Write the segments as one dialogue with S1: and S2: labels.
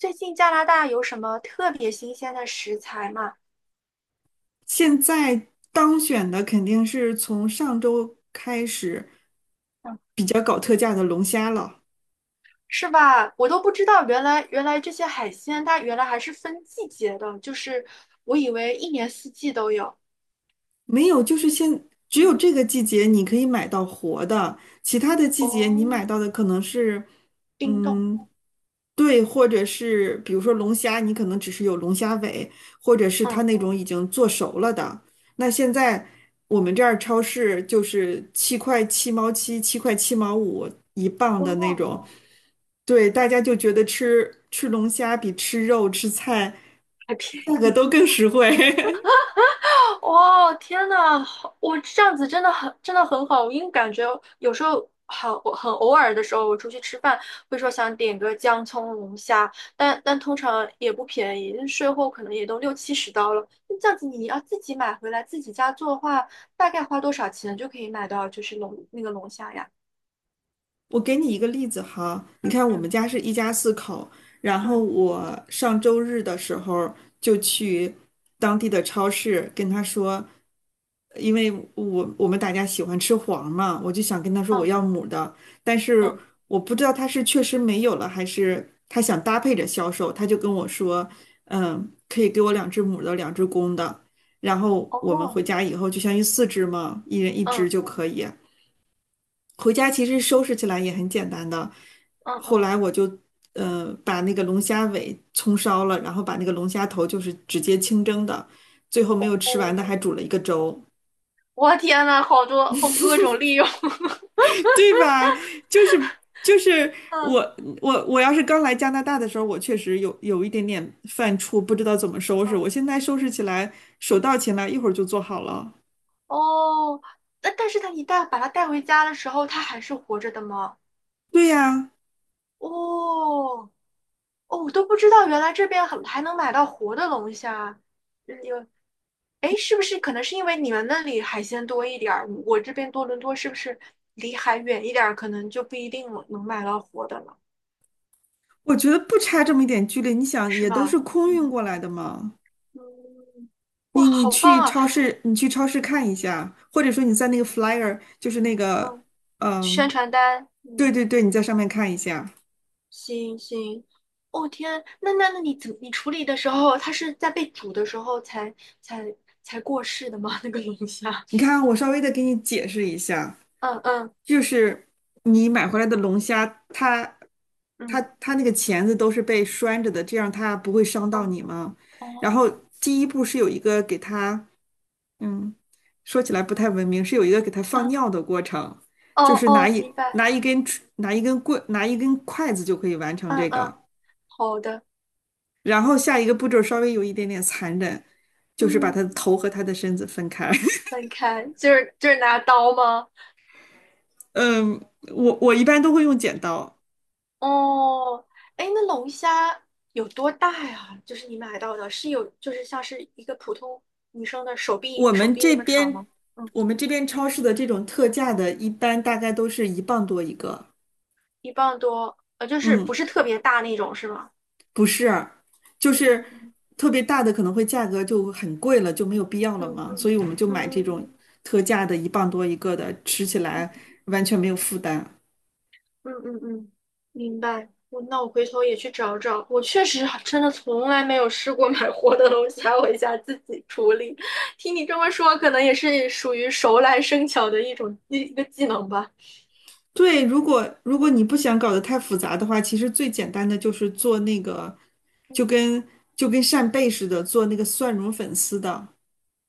S1: 最近加拿大有什么特别新鲜的食材吗？
S2: 现在当选的肯定是从上周开始
S1: 嗯。
S2: 比较搞特价的龙虾了，
S1: 是吧？我都不知道，原来这些海鲜它原来还是分季节的，就是我以为一年四季都有。
S2: 没有，就是现只有
S1: 嗯。
S2: 这个季节你可以买到活的，其他的季节你买
S1: 哦，
S2: 到的可能是，
S1: 冰冻。
S2: 嗯，对，或者是比如说龙虾，你可能只是有龙虾尾，或者是它
S1: 嗯。
S2: 那种已经做熟了的。那现在我们这儿超市就是7块7毛7、7块7毛5一磅
S1: 哇。
S2: 的那
S1: 哦，
S2: 种。对，大家就觉得吃吃龙虾比吃肉、吃菜
S1: 还便
S2: 价格都
S1: 宜。
S2: 更实惠。
S1: 哇，天呐，好，我这样子真的很好，因为感觉有时候好很偶尔的时候，我出去吃饭会说想点个姜葱龙虾，但通常也不便宜，税后可能也都六七十刀了。那这样子你要自己买回来自己家做的话，大概花多少钱就可以买到就是龙那个龙虾呀？
S2: 我给你一个例子哈，你
S1: 嗯
S2: 看我们
S1: 嗯
S2: 家是一家四口，然后
S1: 嗯
S2: 我上周日的时候就去当地的超市跟他说，因为我们大家喜欢吃黄嘛，我就想跟他说我
S1: 嗯
S2: 要母的，但是
S1: 嗯，
S2: 我不知道他是确实没有了，还是他想搭配着销售，他就跟我说，可以给我两只母的，两只公的，然后我们回
S1: 哦，
S2: 家以后就相当于四只嘛，一人一只
S1: 嗯
S2: 就可以。回家其实收拾起来也很简单的。
S1: 嗯
S2: 后
S1: 嗯，
S2: 来我就把那个龙虾尾葱烧了，然后把那个龙虾头就是直接清蒸的，最后没有吃完
S1: 哦，
S2: 的还煮了一个粥，
S1: 我天呐，好多，好各种利用。
S2: 对吧？就是
S1: 嗯。
S2: 我我要是刚来加拿大的时候，我确实有一点点犯怵，不知道怎么收拾。我
S1: 嗯。
S2: 现在收拾起来手到擒来，一会儿就做好了。
S1: 哦，那但是他一旦把他带回家的时候，他还是活着的吗？
S2: 对呀，
S1: 哦哦，我都不知道，原来这边还能买到活的龙虾。嗯，有。哎，是不是可能是因为你们那里海鲜多一点儿，我这边多伦多是不是离海远一点儿，可能就不一定能买到活的了？
S2: 我觉得不差这么一点距离，你想
S1: 是
S2: 也都是
S1: 吧？
S2: 空运
S1: 嗯
S2: 过来的嘛。
S1: 嗯。哇，
S2: 你
S1: 好棒
S2: 去
S1: 啊！
S2: 超市，你去超市看一下，或者说你在那个 flyer，就是那个，
S1: 嗯，宣
S2: 嗯，
S1: 传单。
S2: 对
S1: 嗯。
S2: 对对，你在上面看一下。
S1: 行行。哦，天啊，那你处理的时候，它是在被煮的时候才才过世的吗？那个龙虾？
S2: 你看，我稍微的给你解释一下，
S1: 嗯嗯
S2: 就是你买回来的龙虾，它它
S1: 嗯
S2: 它那个钳子都是被拴着的，这样它不会伤到
S1: 嗯。
S2: 你吗？然后
S1: 哦。
S2: 第一步是有一个给它，嗯，说起来不太文明，是有一个给它放
S1: 嗯。
S2: 尿的过程，
S1: 哦
S2: 就是
S1: 哦，明白。
S2: 拿一根拿一根筷子就可以完成
S1: 嗯
S2: 这
S1: 嗯。
S2: 个。
S1: 好的。
S2: 然后下一个步骤稍微有一点点残忍，就是把
S1: 嗯，
S2: 他的头和他的身子分开。
S1: 分开，就是拿刀吗？
S2: 嗯，我一般都会用剪刀。
S1: 哦。哎，那龙虾有多大呀？就是你买到的，是有就是像是一个普通女生的手臂
S2: 我
S1: 手
S2: 们
S1: 臂那
S2: 这
S1: 么长
S2: 边
S1: 吗？嗯，
S2: 我们这边超市的这种特价的，一般大概都是一磅多一个。
S1: 一磅多，就是不
S2: 嗯，
S1: 是特别大那种，是吗？
S2: 不是，就
S1: 嗯
S2: 是
S1: 嗯嗯
S2: 特别大的可能会价格就很贵了，就没有必要了
S1: 嗯
S2: 嘛，所
S1: 嗯
S2: 以我们就买这
S1: 嗯
S2: 种特价的，一磅多一个的，吃起来
S1: 嗯
S2: 完全没有负担。
S1: 嗯嗯。嗯，明白。我那我回头也去找找。我确实还真的从来没有试过买活的东西，还回家自己处理。听你这么说，可能也是属于熟来生巧的一种一一个技能吧。
S2: 对，如果
S1: 嗯
S2: 你不想搞得太复杂的话，其实最简单的就是做那个，就
S1: 嗯。
S2: 跟就跟扇贝似的，做那个蒜蓉粉丝的。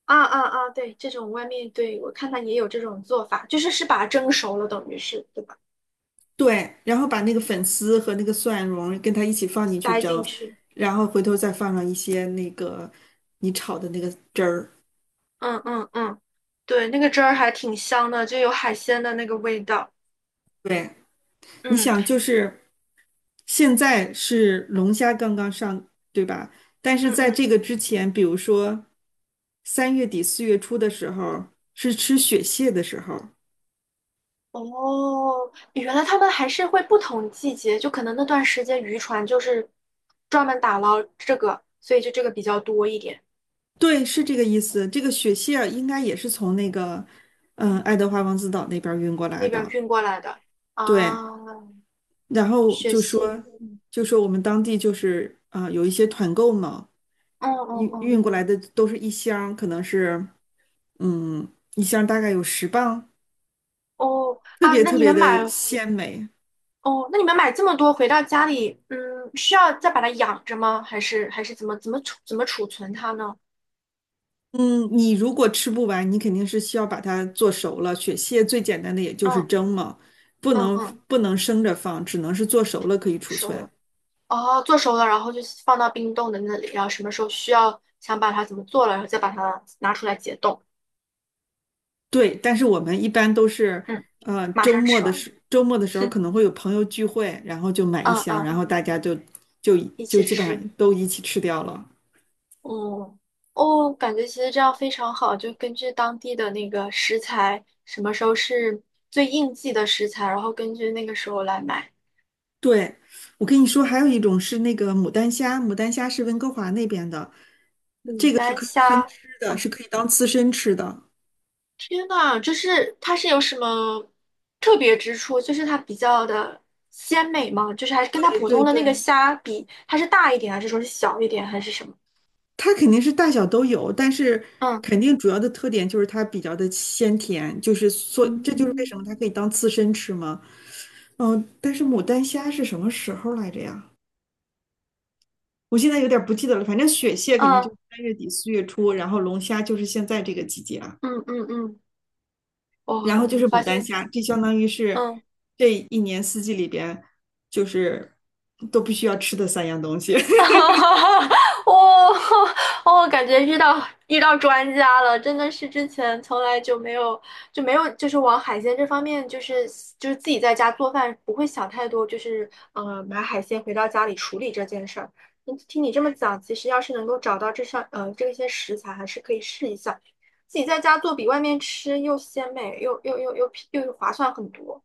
S1: 啊啊啊！对，这种外面对我看它也有这种做法，就是是把它蒸熟了，等于是对吧？
S2: 对，然后把那个
S1: 嗯，
S2: 粉丝和那个蒜蓉跟它一起放进去
S1: 塞
S2: 蒸，
S1: 进去。
S2: 然后回头再放上一些那个你炒的那个汁儿。
S1: 嗯嗯嗯。对，那个汁儿还挺香的，就有海鲜的那个味道。
S2: 对，你
S1: 嗯。
S2: 想就是现在是龙虾刚刚上，对吧？但是
S1: 嗯
S2: 在
S1: 嗯。
S2: 这个之前，比如说三月底四月初的时候，是吃雪蟹的时候。
S1: 哦，原来他们还是会不同季节，就可能那段时间渔船就是专门打捞这个，所以就这个比较多一点。
S2: 对，是这个意思。这个雪蟹儿应该也是从那个，
S1: 嗯，
S2: 爱德华王子岛那边儿运过来
S1: 那边
S2: 的。
S1: 运过来的
S2: 对，
S1: 啊。
S2: 然后
S1: 雪
S2: 就
S1: 蟹，
S2: 说，
S1: 嗯。
S2: 就说我们当地就是啊有一些团购嘛，
S1: 嗯。
S2: 运
S1: 哦哦
S2: 运过来的都是一箱儿可能是嗯，一箱儿大概有10磅，
S1: 哦。哦
S2: 特
S1: 啊，
S2: 别
S1: 那
S2: 特
S1: 你
S2: 别
S1: 们
S2: 的
S1: 买
S2: 鲜美。
S1: 哦，那你们买这么多回到家里，嗯，需要再把它养着吗？还是还是怎么怎么储怎么储存它呢？
S2: 嗯，你如果吃不完，你肯定是需要把它做熟了。雪蟹最简单的也就是
S1: 嗯
S2: 蒸嘛，不
S1: 嗯
S2: 能
S1: 嗯。
S2: 不能生着放，只能是做熟了可以储
S1: 收
S2: 存。
S1: 了。哦，做熟了，然后就放到冰冻的那里，然后什么时候需要想把它怎么做了，然后再把它拿出来解冻。
S2: 对，但是我们一般都是，
S1: 嗯，马上吃完。
S2: 周末的时候 可能会有朋友聚会，然后就买一
S1: 嗯
S2: 箱，然
S1: 嗯。
S2: 后大家就
S1: 一
S2: 就
S1: 起
S2: 基本
S1: 吃。
S2: 上都一起吃掉了。
S1: 嗯。哦，感觉其实这样非常好，就根据当地的那个食材，什么时候是最应季的食材，然后根据那个时候来买。
S2: 对，我跟你说，还有一种是那个牡丹虾，牡丹虾是温哥华那边的，
S1: 牡
S2: 这个是
S1: 丹
S2: 可以生
S1: 虾。
S2: 吃的，是
S1: 哦。
S2: 可以当刺身吃的。
S1: 天呐，就是它是有什么特别之处？就是它比较的鲜美吗？就是还是跟它
S2: 对
S1: 普
S2: 对
S1: 通的那个
S2: 对，
S1: 虾比，它是大一点，还是说是小一点，还是什么？
S2: 它肯定是大小都有，但是
S1: 嗯
S2: 肯定主要的特点就是它比较的鲜甜，就是所，这就是为什
S1: 嗯
S2: 么它可以当刺身吃嘛。但是牡丹虾是什么时候来着呀？我现在有点儿不记得了，反正雪蟹肯定就
S1: 嗯
S2: 是三月底四月初，然后龙虾就是现在这个季节啊，
S1: 嗯嗯嗯。哇，
S2: 然后就
S1: 我
S2: 是牡
S1: 发
S2: 丹
S1: 现，
S2: 虾，这相当于是
S1: 嗯。
S2: 这一年四季里边就是都必须要吃的三样东西。
S1: 哈哈，我我感觉遇到专家了，真的是之前从来就没有，就是往海鲜这方面，就是自己在家做饭不会想太多，就是买海鲜回到家里处理这件事儿。嗯，听你这么讲，其实要是能够找到这些食材，还是可以试一下，自己在家做比外面吃又鲜美又划算很多。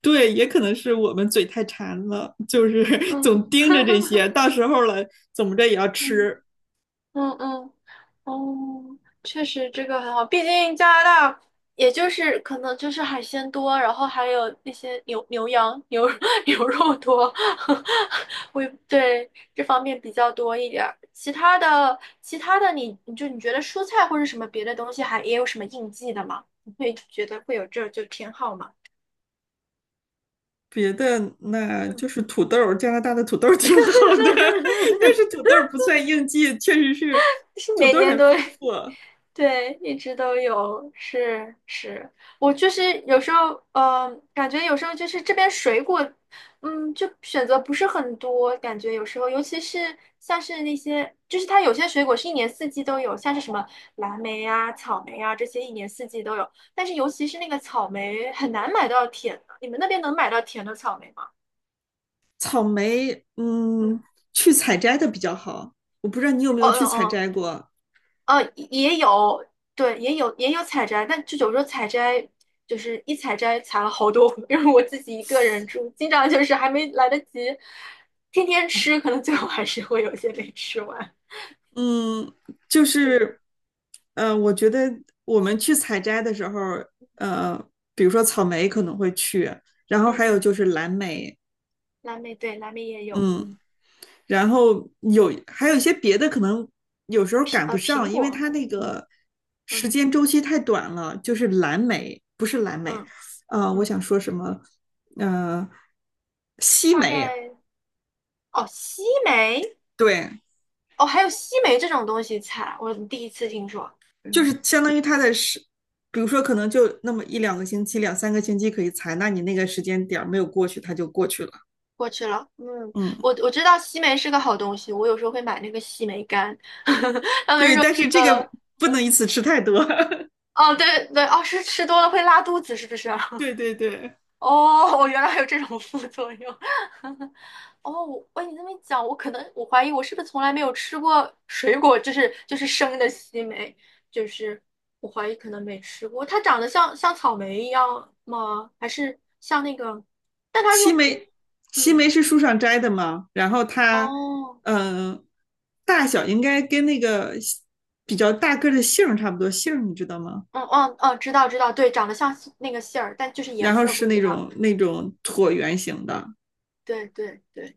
S2: 对，也可能是我们嘴太馋了，就是
S1: 嗯
S2: 总盯着这些，到时候了怎么着也要
S1: 嗯。
S2: 吃。
S1: 嗯嗯。哦，确实这个很好，毕竟加拿大也就是可能就是海鲜多，然后还有那些牛牛羊牛 牛肉多。我也对这方面比较多一点儿。其他的你觉得蔬菜或者什么别的东西还也有什么应季的吗？你会觉得会有这就偏好吗？
S2: 别的那
S1: 嗯。
S2: 就是土豆，加拿大的土豆挺好的，但是土 豆不算应季，确实是
S1: 是
S2: 土
S1: 每
S2: 豆
S1: 年
S2: 很
S1: 都
S2: 丰
S1: 有，
S2: 富。
S1: 对，一直都有。是是。我就是有时候，感觉有时候就是这边水果，嗯，就选择不是很多，感觉有时候，尤其是像是那些，就是它有些水果是一年四季都有，像是什么蓝莓啊、草莓啊这些一年四季都有，但是尤其是那个草莓很难买到甜的，你们那边能买到甜的草莓吗？
S2: 草莓，
S1: 嗯。
S2: 去采摘的比较好。我不知道你有没
S1: 哦
S2: 有去采
S1: 哦
S2: 摘过，
S1: 哦，也有。对，也有采摘，但就有时候采摘就是一采摘采了好多，因为我自己一个人住，经常就是还没来得及天天吃，可能最后还是会有些没吃完。
S2: 嗯，就
S1: 对。
S2: 是，我觉得我们去采摘的时候，呃，比如说草莓可能会去，然后
S1: 嗯
S2: 还有
S1: 嗯。
S2: 就是蓝莓，
S1: 蓝莓对，蓝莓也有。
S2: 嗯，
S1: 嗯，
S2: 然后还有一些别的可能有时候
S1: 苹
S2: 赶不
S1: 呃苹
S2: 上，因为
S1: 果，
S2: 它那
S1: 嗯
S2: 个时
S1: 嗯
S2: 间周期太短了。就是蓝莓，不是蓝莓，
S1: 嗯
S2: 我
S1: 嗯。
S2: 想说什么？呃，西
S1: 大
S2: 梅，
S1: 概。哦，西梅。
S2: 对，
S1: 哦，还有西梅这种东西采，我第一次听说。
S2: 就
S1: 嗯。
S2: 是相当于它的时，比如说可能就那么一两个星期、两三个星期可以采。那你那个时间点没有过去，它就过去了。
S1: 过去了。嗯，
S2: 嗯，
S1: 我知道西梅是个好东西，我有时候会买那个西梅干，他们
S2: 对，
S1: 说
S2: 但是
S1: 这个。
S2: 这个不能一次吃太多。
S1: 哦，对对。哦，是吃多了会拉肚子，是不是啊？
S2: 对对对，
S1: 哦，原来还有这种副作用。哦，我喂，你这么一讲，我可能我怀疑我是不是从来没有吃过水果，就是生的西梅，就是我怀疑可能没吃过。它长得像草莓一样吗？还是像那个？但它
S2: 西
S1: 又不，
S2: 梅，西
S1: 嗯。
S2: 梅是树上摘的嘛，然后它，
S1: 哦。
S2: 嗯、呃大小应该跟那个比较大个的杏差不多，杏你知道吗？
S1: 嗯嗯嗯，知道知道，对，长得像杏那个杏儿，但就是
S2: 然
S1: 颜
S2: 后
S1: 色
S2: 是
S1: 不
S2: 那
S1: 一样。
S2: 种那
S1: 嗯。
S2: 种椭圆形的，
S1: 对对对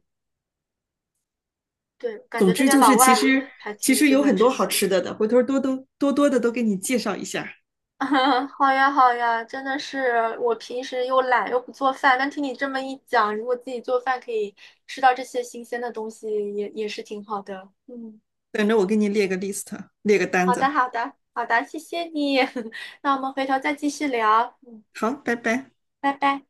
S1: 对，感
S2: 总
S1: 觉这
S2: 之
S1: 边
S2: 就是，
S1: 老
S2: 其
S1: 外
S2: 实
S1: 还
S2: 其
S1: 挺
S2: 实
S1: 喜
S2: 有
S1: 欢
S2: 很多
S1: 吃
S2: 好
S1: 杏。
S2: 吃的的，回头多多多多的都给你介绍一下，
S1: 好呀好呀，真的是我平时又懒又不做饭，但听你这么一讲，如果自己做饭可以吃到这些新鲜的东西也，也是挺好的。嗯。
S2: 等着我给你列个 list，列个单
S1: 好的
S2: 子。
S1: 好的好的，谢谢你。那我们回头再继续聊。嗯，
S2: 好，拜拜。
S1: 拜拜。